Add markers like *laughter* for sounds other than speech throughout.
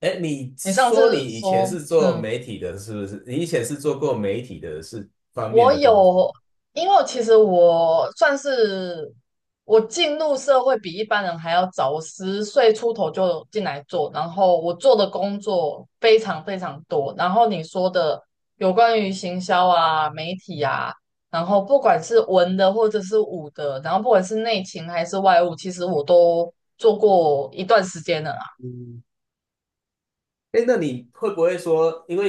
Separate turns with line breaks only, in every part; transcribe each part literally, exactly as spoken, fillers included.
哎，你
你上
说你
次
以前
说，
是做
嗯，
媒体的，是不是？你以前是做过媒体的是方面
我
的工作？
有，因为其实我算是我进入社会比一般人还要早，我十岁出头就进来做，然后我做的工作非常非常多。然后你说的有关于行销啊、媒体啊，然后不管是文的或者是武的，然后不管是内勤还是外务，其实我都做过一段时间了啦。
哎，那你会不会说，因为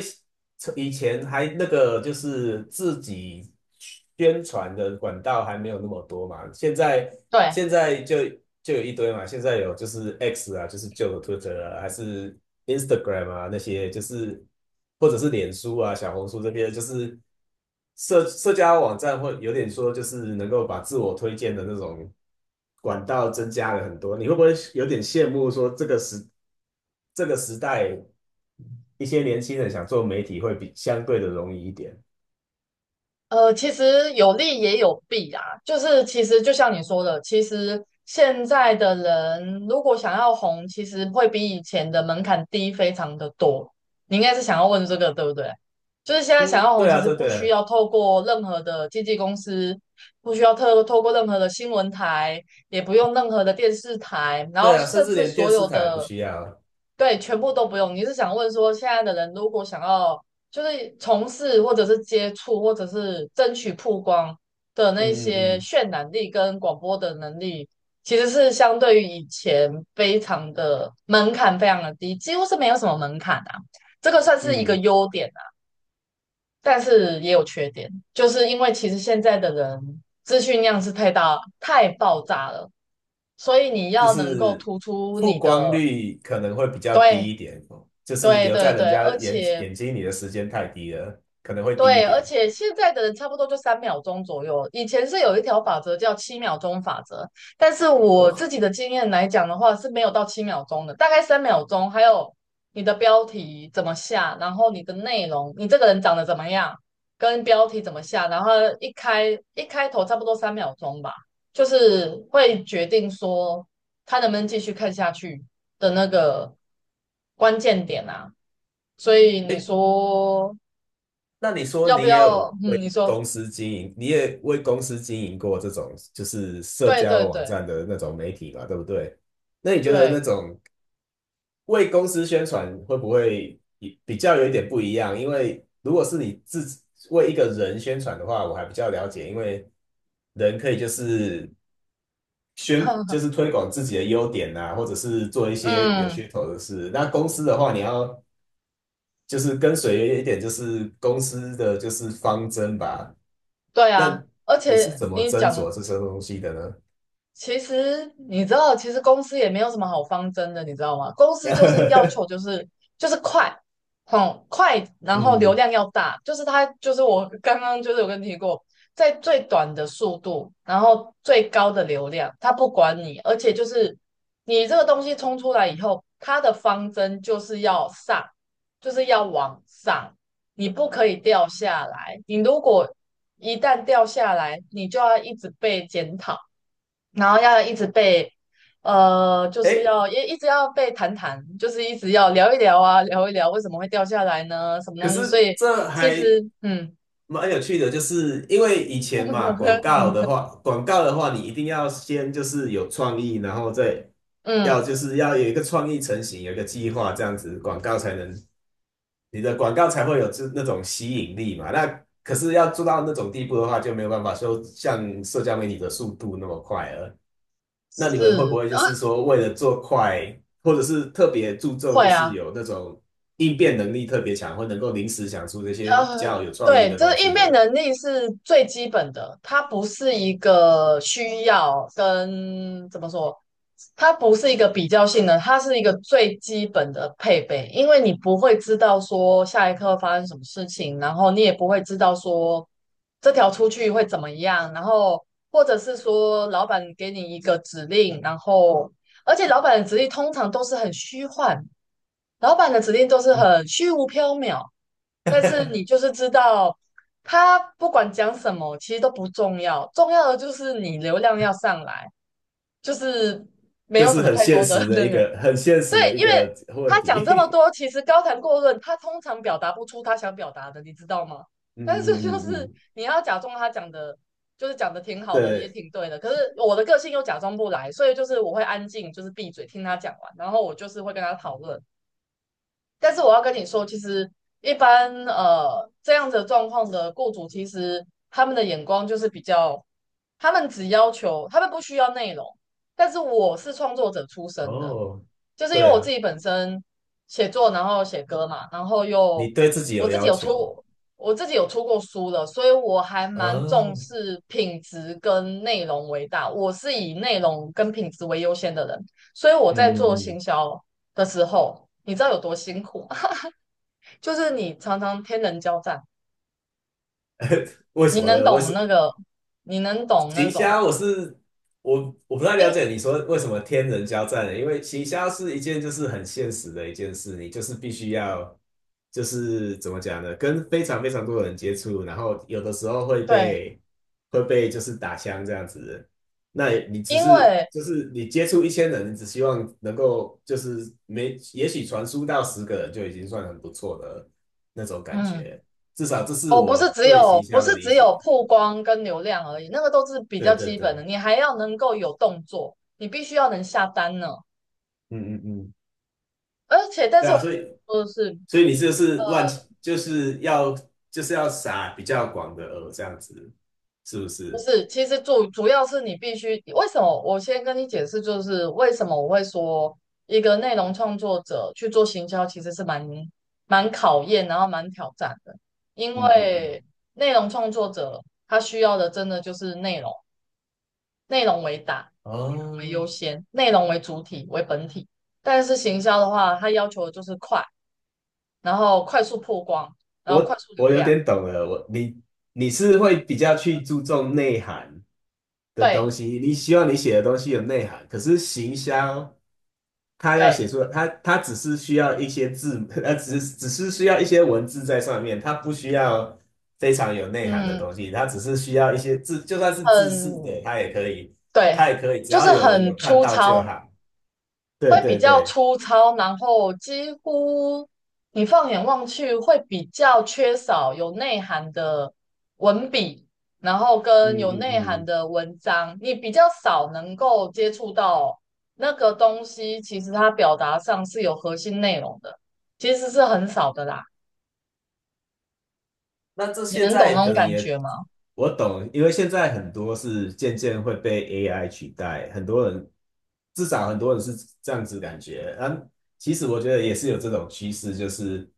以前还那个就是自己宣传的管道还没有那么多嘛，现在
对，
现在就就有一堆嘛，现在有就是 X 啊，就是旧的 Twitter 啊，还是 Instagram 啊那些，就是或者是脸书啊、小红书这边，就是社社交网站会有点说，就是能够把自我推荐的那种管道增加了很多，你会不会有点羡慕说这个时这个时代？一些年轻人想做媒体会比相对的容易一点。
呃，其实有利也有弊啊，就是其实就像你说的，其实现在的人如果想要红，其实会比以前的门槛低非常的多。你应该是想要问这个，对不对？就是现在想
嗯
要红，
对
其
啊，
实
对
不需
对。
要透过任何的经纪公司，不需要透透过任何的新闻台，也不用任何的电视台，然
对
后
啊，甚
甚
至
至
连电
所
视
有
台也不
的，
需要。
对，全部都不用。你是想问说，现在的人如果想要就是从事或者是接触或者是争取曝光的
嗯
那些
嗯
渲染力跟广播的能力，其实是相对于以前非常的门槛非常的低，几乎是没有什么门槛啊。这个算是一
嗯
个
嗯，
优点啊，但是也有缺点，就是因为其实现在的人资讯量是太大太爆炸了，所以你
就
要能够
是
突出
曝
你
光
的，
率可能会比较
对
低一点哦，就是
对
留在
对对，
人家
而
眼
且
眼睛里的时间太低了，可能会低一
对，而
点。
且现在的人差不多就三秒钟左右，以前是有一条法则叫七秒钟法则，但是
哦，
我自己的经验来讲的话是没有到七秒钟的，大概三秒钟，还有你的标题怎么下，然后你的内容，你这个人长得怎么样，跟标题怎么下，然后一开一开头差不多三秒钟吧，就是会决定说他能不能继续看下去的那个关键点啊。所以你
哎，
说
那你说
要不
你也有
要？
为
嗯，你说，
公司经营，你也为公司经营过这种就是社
对对
交网
对
站的那种媒体吧，对不对？那你觉得那
对，
种为公司宣传会不会比比较有一点不一样？因为如果是你自己为一个人宣传的话，我还比较了解，因为人可以就是宣，就是
*laughs*
推广自己的优点啊，或者是做一些有
嗯，
噱头的事。那公司的话，你要就是跟随一点，就是公司的就是方针吧。
对
那
啊，而
你是
且
怎么
你
斟
讲
酌这些东西的呢？
其实你知道，其实公司也没有什么好方针的，你知道吗？公司就是要求就
*laughs*
是就是快，嗯，快，然后流
嗯，
量要大，就是它就是我刚刚就是有跟你提过，在最短的速度，然后最高的流量，它不管你，而且就是你这个东西冲出来以后，它的方针就是要上，就是要往上，你不可以掉下来，你如果一旦掉下来，你就要一直被检讨。然后要一直被，呃，就是
哎，
要一一直要被谈谈，就是一直要聊一聊啊，聊一聊为什么会掉下来呢？什么
可
东西？所
是
以
这
其
还
实，嗯
蛮有趣的，就是因为以前嘛，广告
*laughs*
的话，广告的话，你一定要先就是有创意，然后再要
嗯，
就是要有一个创意成型，有一个计划，这样子广告才能你的广告才会有这那种吸引力嘛。那可是要做到那种地步的话，就没有办法说像社交媒体的速度那么快了。那
是
你们会不会就
的，
是说为了做快，或者是特别注重就
会
是
啊。
有那种应变能力特别强，或能够临时想出这些比
呃，
较有创意
对，
的
就
东
是
西
应
的
变
人？
能力是最基本的，它不是一个需要跟怎么说，它不是一个比较性的，它是一个最基本的配备，因为你不会知道说下一刻会发生什么事情，然后你也不会知道说这条出去会怎么样，然后或者是说老板给你一个指令，然后而且老板的指令通常都是很虚幻。老板的指令都是很虚无缥缈，但是你就是知道他不管讲什么，其实都不重要，重要的就是你流量要上来，就是没
就
有什
是
么
很
太
现
多的
实
*laughs*
的
那
一
个。
个很现实
对，
的一
因为
个问
他讲这么
题。
多，
*laughs*
其实高谈阔论，他通常表达不出他想表达的，你知道吗？*laughs* 但
嗯
是
嗯
就
嗯
是
嗯，
你要假装他讲的，就是讲的挺好的，也
对，
挺对的。可是我的个性又假装不来，所以就是我会安静，就是闭嘴听他讲完，然后我就是会跟他讨论。但是我要跟你说，其实一般呃这样子的状况的雇主，其实他们的眼光就是比较，他们只要求，他们不需要内容。但是我是创作者出身的，
哦，
就是因为
对
我自
啊，
己本身写作，然后写歌嘛，然后
你
又
对自己
我
有
自己
要
有
求，
出，我自己有出过书的，所以我还
啊，
蛮重
嗯
视品质跟内容为大。我是以内容跟品质为优先的人，所以我在
嗯
做行
嗯，
销的时候，你知道有多辛苦吗？就是你常常天人交战，
*laughs* 为什
你
么
能
呢？为
懂那
什
个，你能懂那
奇
种
虾，我是我我不太
因
了解你说为什么天人交战呢？因为奇虾是一件就是很现实的一件事，你就是必须要就是怎么讲呢，跟非常非常多的人接触，然后有的时候会
对，
被会被就是打枪这样子。那你只
因
是
为
就是你接触一千人，你只希望能够就是没也许传输到十个人就已经算很不错的那种感
嗯，
觉，至少这是
哦，不
我
是只
对
有
行
不
销的
是
理
只
解。
有曝光跟流量而已，那个都是比较
对对
基本的，
对，
你还要能够有动作，你必须要能下单呢。
嗯嗯嗯。
而且，但
对
是
啊，
我
所以
说的是，
所以你这是
呃
乱，就是要就是要撒比较广的饵这样子，是不
不
是？
是，其实主主要是你必须，为什么？我先跟你解释，就是为什么我会说一个内容创作者去做行销，其实是蛮蛮考验，然后蛮挑战的。因
嗯嗯嗯。
为内容创作者他需要的真的就是内容，内容为大，内容为
哦，
优先，内容为主体为本体。但是行销的话，它要求的就是快，然后快速曝光，然后快
我
速流
我有
量。
点懂了，我你你是会比较去注重内涵的东
对
西，你希望你写的东西有内涵，可是行销它要
对，
写出它它只是需要一些字，*laughs* 它只是只是需要一些文字在上面，它不需要非常有内涵的
嗯，
东西，它只是需要一些字，就算是字式的，
很
它也可以，它
对，
也可以，只
就
要
是
有人
很
有看
粗
到就
糙，
好。对
会比
对
较
对，
粗糙，然后几乎你放眼望去会比较缺少有内涵的文笔，然后跟
嗯
有
嗯
内涵
嗯。
的文章，你比较少能够接触到那个东西，其实它表达上是有核心内容的，其实是很少的啦。
那这
你
现
能懂
在
那
可
种
能
感
也
觉吗？
我懂，因为现在很多是渐渐会被 A I 取代，很多人至少很多人是这样子感觉。嗯，其实我觉得也是有这种趋势，就是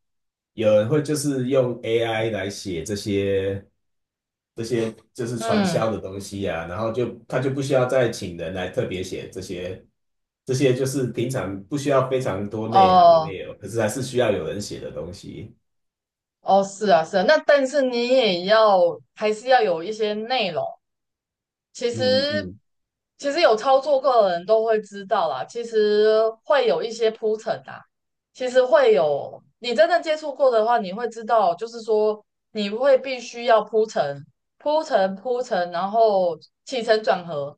有人会就是用 A I 来写这些这些就是传
嗯，
销的东西啊，然后就他就不需要再请人来特别写这些这些就是平常不需要非常多内涵的
哦，
内容，可是还是需要有人写的东西。
哦，是啊，是啊，那但是你也要还是要有一些内容。其
嗯
实
嗯
其实有操作过的人都会知道啦，其实会有一些铺陈啊，其实会有，你真的接触过的话，你会知道，就是说你会必须要铺陈、铺陈、铺陈，然后起承转合，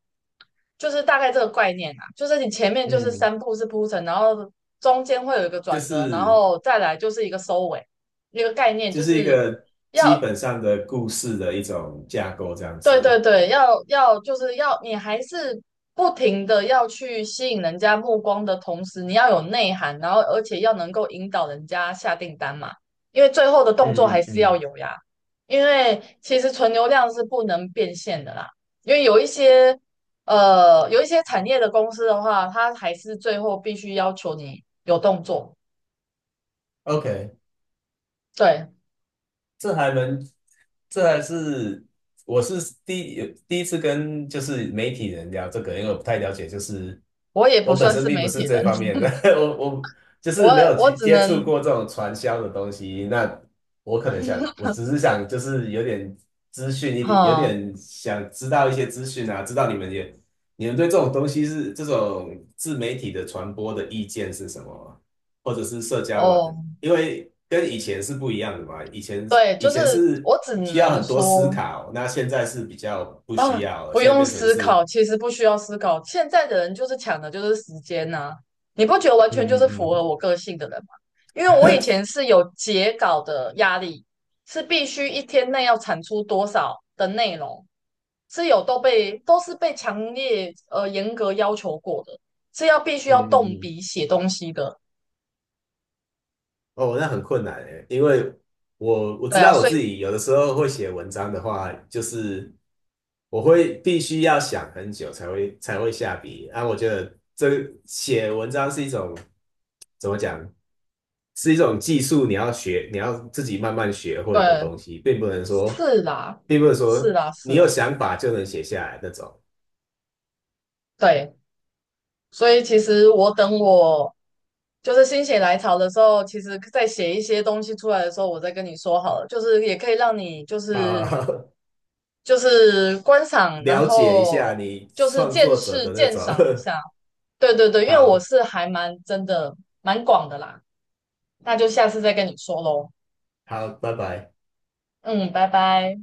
就是大概这个概念啊，就是你前面就是
嗯，
三步是铺陈，然后中间会有一个
就
转折，然
是。
后再来就是一个收尾，一个概念
就
就
是一
是。
个基
要
本上的故事的一种架构这样
对对
子。
对，要要就是要你还是不停的要去吸引人家目光的同时，你要有内涵，然后而且要能够引导人家下订单嘛，因为最后的动作还
嗯嗯
是要
嗯
有呀。因为其实纯流量是不能变现的啦，因为有一些呃有一些产业的公司的话，它还是最后必须要求你有动作。
，OK,
对，
这还能，这还是我是第第一次跟就是媒体人聊这个，因为我不太了解，就是
我也不
我本
算
身
是
并不
媒体
是
人，
这方面的，
*laughs*
*laughs* 我我就
我
是没有
我
接
只
接
能，
触过这种传销的东西。那我可能想，我
*laughs*
只是想就是有点资讯一点，有
哈、
点想知道一些资讯啊，知道你们也你们对这种东西是这种自媒体的传播的意见是什么，或者是社交网
哦。
因为跟以前是不一样的嘛，以前
对，
以
就
前
是
是
我只
需要
能
很多思
说
考，那现在是比较不需
啊，
要了，
不
现在
用
变成
思
是
考，其实不需要思考。现在的人就是抢的就是时间呐、你不觉得完
嗯
全就是
嗯
符合
嗯
我个性的人吗？因为我以前是有截稿的压力，是必须一天内要产出多少的内容，是有都被都是被强烈呃严格要求过的，是要必
*laughs*
须
嗯
要
嗯
动
嗯。
笔写东西的。
哦，那很困难诶，因为我我
对
知
啊，
道我
所
自
以
己有的时候会写文章的话，就是我会必须要想很久才会才会下笔。啊，我觉得这个写文章是一种怎么讲，是一种技术，你要学，你要自己慢慢学会的
对，
东西，并不能说，
是啦，
并不能
是
说
啦，是
你有
啦，
想法就能写下来那种。
对。所以其实我等我就是心血来潮的时候，其实在写一些东西出来的时候，我再跟你说好了，就是也可以让你就
啊，
是
*laughs*
就是观赏，然
了解一
后
下你
就是
创
见
作者
识
的那
鉴
种。
赏一
*laughs*
下。对对对，因为我
好，
是还蛮真的蛮广的啦，那就下次再跟你说喽。
好，拜拜。
嗯，拜拜。